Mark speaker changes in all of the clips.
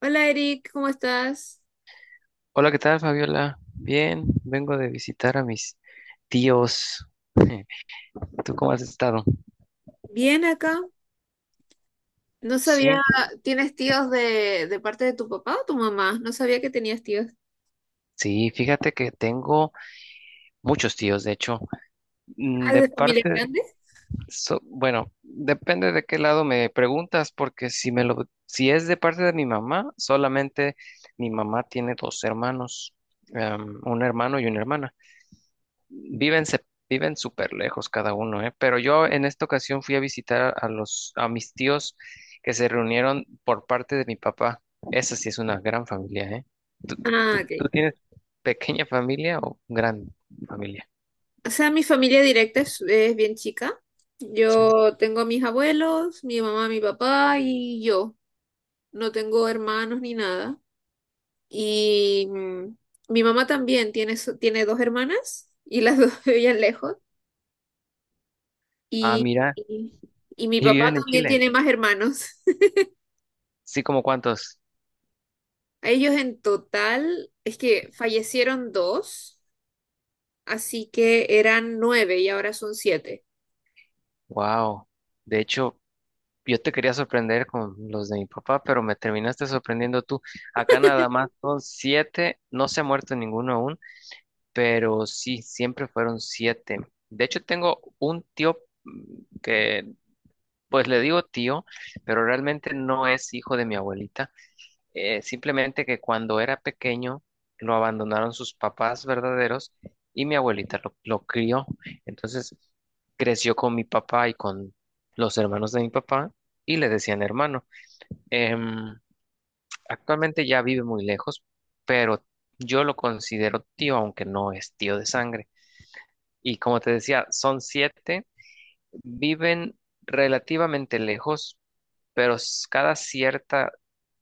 Speaker 1: Hola Eric, ¿cómo estás?
Speaker 2: Hola, ¿qué tal, Fabiola? Bien, vengo de visitar a mis tíos. ¿Tú cómo has estado?
Speaker 1: Bien acá. No sabía,
Speaker 2: Sí,
Speaker 1: ¿tienes tíos de parte de tu papá o tu mamá? No sabía que tenías tíos.
Speaker 2: sí, fíjate que tengo muchos tíos, de hecho.
Speaker 1: Ah, ¿es
Speaker 2: De
Speaker 1: de familia
Speaker 2: parte,
Speaker 1: grande?
Speaker 2: bueno, depende de qué lado me preguntas, porque si es de parte de mi mamá, solamente mi mamá tiene dos hermanos, un hermano y una hermana. Viven súper lejos cada uno, ¿eh? Pero yo en esta ocasión fui a visitar a mis tíos que se reunieron por parte de mi papá. Esa sí es una gran familia, ¿eh? ¿Tú,
Speaker 1: Ah,
Speaker 2: tú-
Speaker 1: ok.
Speaker 2: tú tienes pequeña familia o gran familia?
Speaker 1: O sea, mi familia directa es bien chica.
Speaker 2: Sí.
Speaker 1: Yo tengo a mis abuelos, mi mamá, mi papá y yo. No tengo hermanos ni nada. Y mi mamá también tiene, tiene dos hermanas y las dos vivían lejos.
Speaker 2: Ah,
Speaker 1: Y,
Speaker 2: mira,
Speaker 1: y, y mi
Speaker 2: y
Speaker 1: papá
Speaker 2: viven en
Speaker 1: también
Speaker 2: Chile.
Speaker 1: tiene más hermanos.
Speaker 2: Sí, ¿como cuántos?
Speaker 1: A ellos en total, es que fallecieron dos, así que eran nueve y ahora son siete.
Speaker 2: Wow. De hecho, yo te quería sorprender con los de mi papá, pero me terminaste sorprendiendo tú. Acá nada más son siete, no se ha muerto ninguno aún. Pero sí, siempre fueron siete. De hecho, tengo un tío mm, que, pues le digo tío, pero realmente no es hijo de mi abuelita. Simplemente que cuando era pequeño lo abandonaron sus papás verdaderos y mi abuelita lo crió. Entonces creció con mi papá y con los hermanos de mi papá y le decían hermano. Em, actualmente ya vive muy lejos, pero yo lo considero tío, aunque no es tío de sangre. Y como te decía, son siete, viven relativamente lejos, pero cada cierta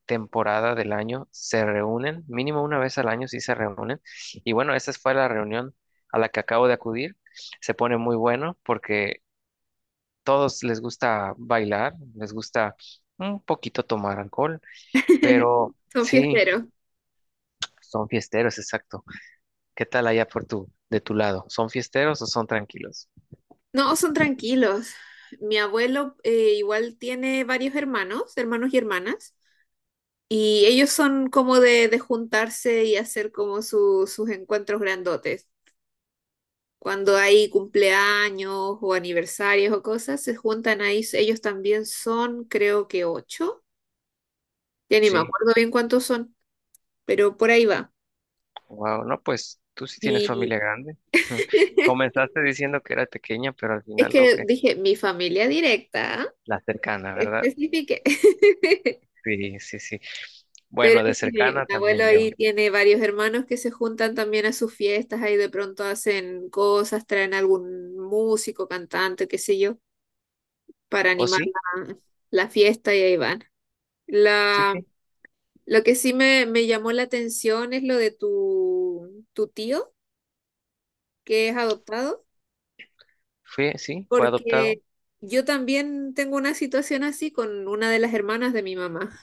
Speaker 2: temporada del año se reúnen, mínimo una vez al año sí se reúnen. Y bueno, esa fue la reunión a la que acabo de acudir. Se pone muy bueno porque todos les gusta bailar, les gusta un poquito tomar alcohol, pero
Speaker 1: Son
Speaker 2: sí,
Speaker 1: fiesteros.
Speaker 2: son fiesteros, exacto. ¿Qué tal allá por tu, de tu lado? ¿Son fiesteros o son tranquilos?
Speaker 1: No, son tranquilos. Mi abuelo igual tiene varios hermanos y hermanas, y ellos son como de juntarse y hacer como sus encuentros grandotes. Cuando hay cumpleaños o aniversarios o cosas, se juntan ahí. Ellos también son, creo que ocho. Ya ni me
Speaker 2: Sí.
Speaker 1: acuerdo bien cuántos son, pero por ahí va.
Speaker 2: Wow, no, pues tú sí tienes
Speaker 1: Y
Speaker 2: familia grande. Comenzaste diciendo que era pequeña, pero al
Speaker 1: es
Speaker 2: final veo
Speaker 1: que
Speaker 2: que
Speaker 1: dije, mi familia directa,
Speaker 2: la cercana, ¿verdad?
Speaker 1: especifique.
Speaker 2: Sí, sí, sí.
Speaker 1: Pero
Speaker 2: Bueno, de
Speaker 1: sí,
Speaker 2: cercana
Speaker 1: mi abuelo
Speaker 2: también
Speaker 1: ahí
Speaker 2: yo.
Speaker 1: tiene varios hermanos que se juntan también a sus fiestas, ahí de pronto hacen cosas, traen algún músico, cantante, qué sé yo, para
Speaker 2: ¿O
Speaker 1: animar
Speaker 2: sí?
Speaker 1: la fiesta y ahí van.
Speaker 2: Sí,
Speaker 1: La,
Speaker 2: sí.
Speaker 1: lo que sí me llamó la atención es lo de tu tío, que es adoptado,
Speaker 2: Fui, sí, fue
Speaker 1: porque
Speaker 2: adoptado.
Speaker 1: yo también tengo una situación así con una de las hermanas de mi mamá.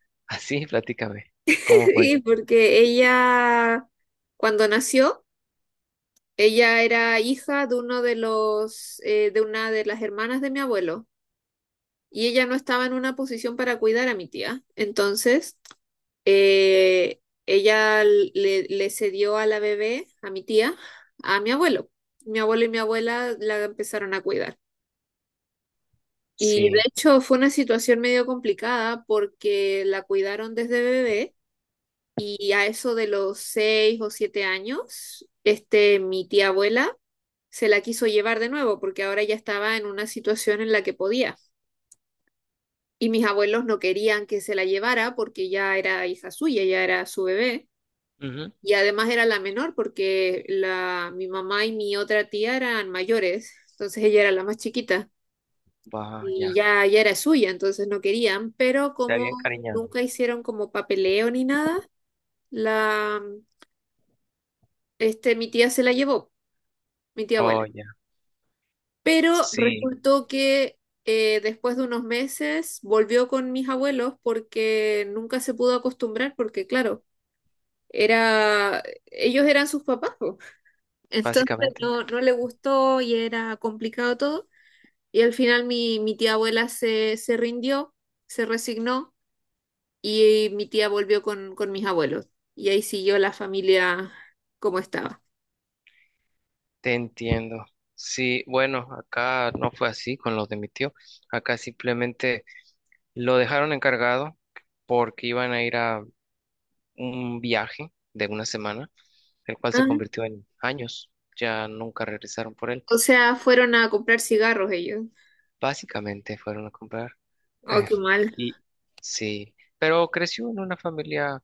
Speaker 2: Así, platícame. ¿Cómo fue?
Speaker 1: Sí, porque ella, cuando nació, ella era hija de una de las hermanas de mi abuelo, y ella no estaba en una posición para cuidar a mi tía. Entonces, ella le cedió a la bebé, a mi tía, a mi abuelo. Mi abuelo y mi abuela la empezaron a cuidar. Y de
Speaker 2: Sí.
Speaker 1: hecho fue una situación medio complicada porque la cuidaron desde bebé. Y a eso de los 6 o 7 años, este, mi tía abuela se la quiso llevar de nuevo porque ahora ya estaba en una situación en la que podía. Y mis abuelos no querían que se la llevara porque ya era hija suya, ya era su bebé.
Speaker 2: Ujú.
Speaker 1: Y además era la menor porque mi mamá y mi otra tía eran mayores, entonces ella era la más chiquita
Speaker 2: Va,
Speaker 1: y
Speaker 2: ya.
Speaker 1: ya era suya, entonces no querían, pero
Speaker 2: Se
Speaker 1: como
Speaker 2: había encariñado.
Speaker 1: nunca hicieron como papeleo ni nada, la, mi tía se la llevó. Mi tía abuela.
Speaker 2: Oh, ya.
Speaker 1: Pero
Speaker 2: Sí,
Speaker 1: resultó que después de unos meses volvió con mis abuelos porque nunca se pudo acostumbrar, porque claro, ellos eran sus papás, po. Entonces
Speaker 2: básicamente.
Speaker 1: no, no le gustó y era complicado todo. Y al final mi tía abuela se rindió, se resignó y mi tía volvió con mis abuelos. Y ahí siguió la familia como estaba.
Speaker 2: Te entiendo. Sí, bueno, acá no fue así con los de mi tío. Acá simplemente lo dejaron encargado porque iban a ir a un viaje de una semana, el cual se
Speaker 1: Ah,
Speaker 2: convirtió en años. Ya nunca regresaron por él.
Speaker 1: o sea, fueron a comprar cigarros ellos.
Speaker 2: Básicamente fueron a comprar.
Speaker 1: Oh, qué mal.
Speaker 2: Y sí, pero creció en una familia,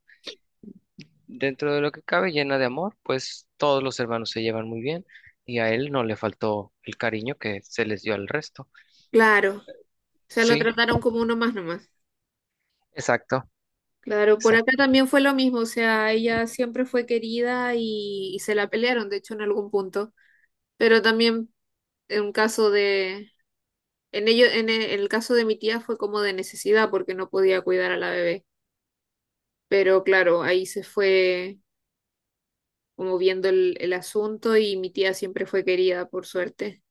Speaker 2: dentro de lo que cabe, llena de amor. Pues todos los hermanos se llevan muy bien y a él no le faltó el cariño que se les dio al resto.
Speaker 1: Claro. O sea, lo
Speaker 2: Sí,
Speaker 1: trataron como uno más nomás.
Speaker 2: exacto,
Speaker 1: Claro, por acá
Speaker 2: exacto.
Speaker 1: también fue lo mismo, o sea, ella siempre fue querida y se la pelearon, de hecho, en algún punto. Pero también en un caso de, en ello, en e- el caso de mi tía fue como de necesidad porque no podía cuidar a la bebé. Pero claro, ahí se fue como viendo el asunto y mi tía siempre fue querida, por suerte.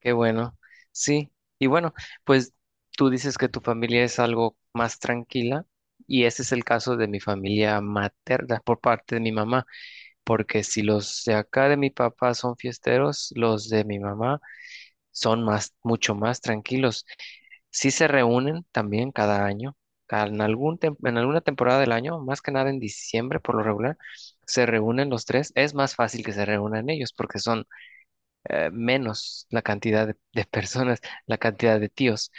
Speaker 2: Qué bueno, sí. Y bueno, pues tú dices que tu familia es algo más tranquila, y ese es el caso de mi familia materna, por parte de mi mamá, porque si los de acá de mi papá son fiesteros, los de mi mamá son más, mucho más tranquilos. Sí se reúnen también cada año, en alguna temporada del año, más que nada en diciembre por lo regular, se reúnen los tres. Es más fácil que se reúnan ellos porque son menos la cantidad de personas, la cantidad de tíos.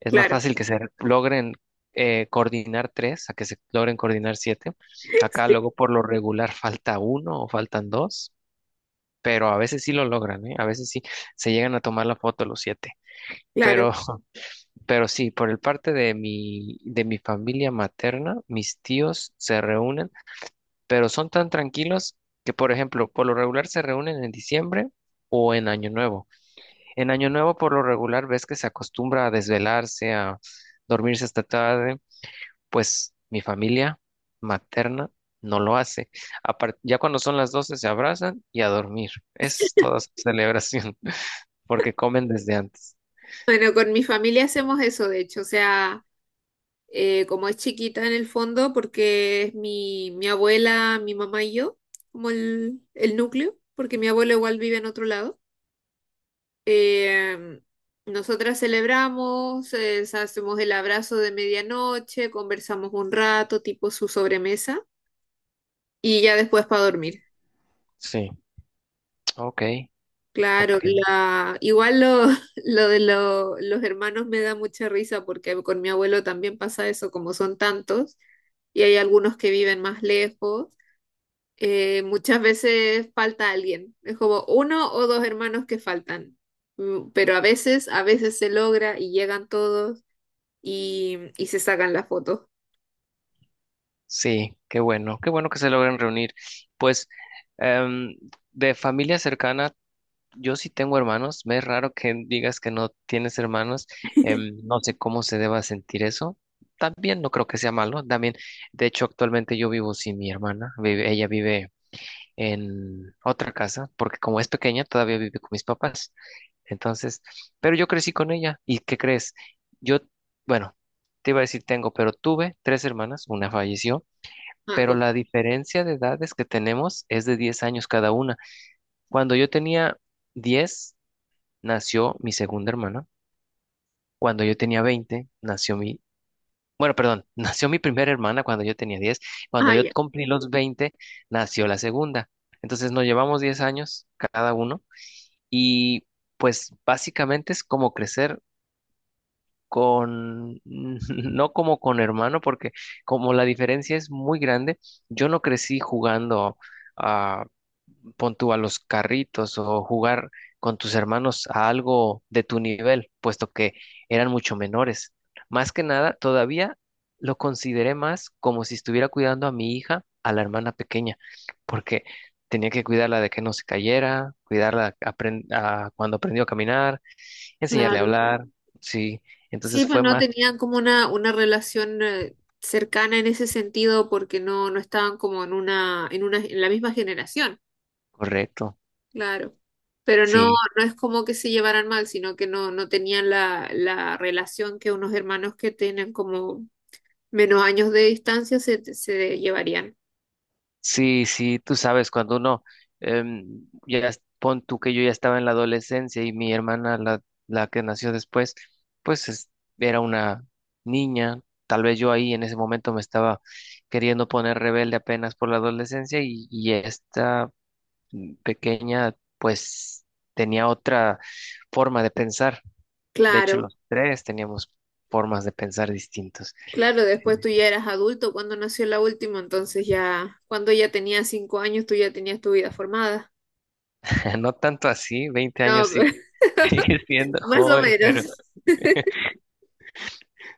Speaker 2: Es más
Speaker 1: Claro,
Speaker 2: fácil que se logren coordinar tres a que se logren coordinar siete. Acá
Speaker 1: sí,
Speaker 2: luego por lo regular falta uno o faltan dos, pero a veces sí lo logran, ¿eh? A veces sí se llegan a tomar la foto los siete.
Speaker 1: claro.
Speaker 2: Pero, pero sí, por el parte de mi, familia materna, mis tíos se reúnen, pero son tan tranquilos que, por ejemplo, por lo regular se reúnen en diciembre o en Año Nuevo. En Año Nuevo, por lo regular, ves que se acostumbra a desvelarse, a dormirse hasta tarde, pues mi familia materna no lo hace. Apar- ya cuando son las 12 se abrazan y a dormir. Es toda su celebración, porque comen desde antes.
Speaker 1: Bueno, con mi familia hacemos eso, de hecho, o sea, como es chiquita en el fondo, porque es mi abuela, mi mamá y yo, como el núcleo, porque mi abuelo igual vive en otro lado. Eh, Nosotras celebramos, hacemos el abrazo de medianoche, conversamos un rato, tipo su sobremesa, y ya después para dormir.
Speaker 2: Sí, ok, ok.
Speaker 1: Claro, igual lo de los hermanos me da mucha risa porque con mi abuelo también pasa eso, como son tantos, y hay algunos que viven más lejos. Muchas veces falta alguien. Es como uno o dos hermanos que faltan. Pero a veces se logra y llegan todos y se sacan la foto.
Speaker 2: Sí, qué bueno que se logren reunir. Pues em, de familia cercana, yo sí tengo hermanos, me es raro que digas que no tienes hermanos. No sé cómo se deba sentir eso, también no creo que sea malo, también. De hecho, actualmente yo vivo sin mi hermana, ella vive en otra casa, porque como es pequeña todavía vive con mis papás. Entonces, pero yo crecí con ella, ¿y qué crees? Yo, bueno, te iba a decir tengo, pero tuve tres hermanas, una falleció,
Speaker 1: Ah,
Speaker 2: pero la diferencia de edades que tenemos es de 10 años cada una. Cuando yo tenía 10 nació mi segunda hermana. Cuando yo tenía 20 nació mi, bueno, perdón, nació mi primera hermana cuando yo tenía 10. Cuando
Speaker 1: ah,
Speaker 2: yo
Speaker 1: ya,
Speaker 2: cumplí los 20 nació la segunda. Entonces nos llevamos 10 años cada uno, y pues básicamente es como crecer con, no como con hermano, porque como la diferencia es muy grande, yo no crecí jugando a, pon tú, a los carritos, o jugar con tus hermanos a algo de tu nivel, puesto que eran mucho menores. Más que nada, todavía lo consideré más como si estuviera cuidando a mi hija, a la hermana pequeña, porque tenía que cuidarla de que no se cayera, cuidarla cuando aprendió a caminar, enseñarle a
Speaker 1: claro.
Speaker 2: hablar, sí.
Speaker 1: Sí,
Speaker 2: Entonces
Speaker 1: pues
Speaker 2: fue
Speaker 1: no
Speaker 2: más
Speaker 1: tenían como una relación cercana en ese sentido porque no, no estaban como en la misma generación.
Speaker 2: correcto,
Speaker 1: Claro. Pero no,
Speaker 2: sí.
Speaker 1: no es como que se llevaran mal, sino que no, no tenían la relación que unos hermanos que tienen como menos años de distancia se llevarían.
Speaker 2: Sí, sí, tú sabes, cuando uno, ya pon tú que yo ya estaba en la adolescencia y mi hermana, la que nació después, pues era una niña. Tal vez yo ahí en ese momento me estaba queriendo poner rebelde apenas por la adolescencia, y, esta pequeña, pues tenía otra forma de pensar. De hecho,
Speaker 1: Claro,
Speaker 2: los tres teníamos formas de pensar distintas.
Speaker 1: claro, después tú
Speaker 2: Sí.
Speaker 1: ya eras adulto cuando nació la última, entonces ya, cuando ella tenía 5 años, tú ya tenías tu vida formada.
Speaker 2: No tanto así, 20
Speaker 1: No,
Speaker 2: años sí, sigue siendo
Speaker 1: más o
Speaker 2: joven. Pero
Speaker 1: menos.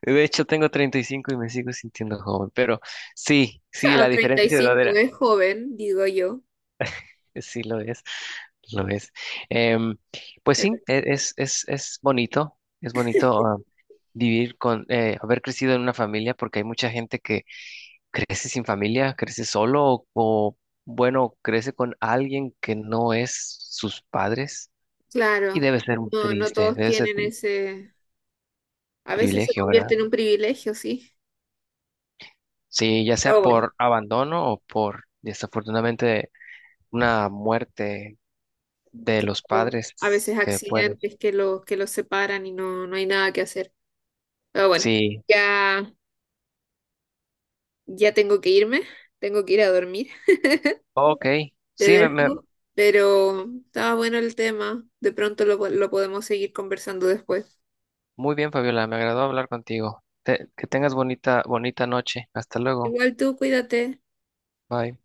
Speaker 2: de hecho tengo 35 y cinco y me sigo sintiendo joven, pero sí,
Speaker 1: O
Speaker 2: sí,
Speaker 1: sea,
Speaker 2: la
Speaker 1: treinta y
Speaker 2: diferencia de edad
Speaker 1: cinco
Speaker 2: era,
Speaker 1: es joven, digo yo.
Speaker 2: sí lo es, lo es. Em, pues sí, es bonito, es bonito vivir haber crecido en una familia, porque hay mucha gente que crece sin familia, crece solo bueno, crece con alguien que no es sus padres, y
Speaker 1: Claro,
Speaker 2: debe ser un
Speaker 1: no, no
Speaker 2: triste,
Speaker 1: todos
Speaker 2: debe ser
Speaker 1: tienen ese, a veces se
Speaker 2: privilegio,
Speaker 1: convierte
Speaker 2: ¿verdad?
Speaker 1: en un privilegio, sí.
Speaker 2: Sí, ya sea
Speaker 1: Pero bueno,
Speaker 2: por abandono o por, desafortunadamente, una muerte de los
Speaker 1: pero a
Speaker 2: padres
Speaker 1: veces
Speaker 2: que puede.
Speaker 1: accidentes que los separan y no, no hay nada que hacer. Pero bueno,
Speaker 2: Sí,
Speaker 1: ya, ya tengo que irme, tengo que ir a dormir.
Speaker 2: ok.
Speaker 1: Te
Speaker 2: Sí,
Speaker 1: dejo, pero estaba bueno el tema. De pronto lo podemos seguir conversando después.
Speaker 2: muy bien, Fabiola, me agradó hablar contigo. Que tengas bonita, bonita noche. Hasta luego.
Speaker 1: Igual tú, cuídate.
Speaker 2: Bye.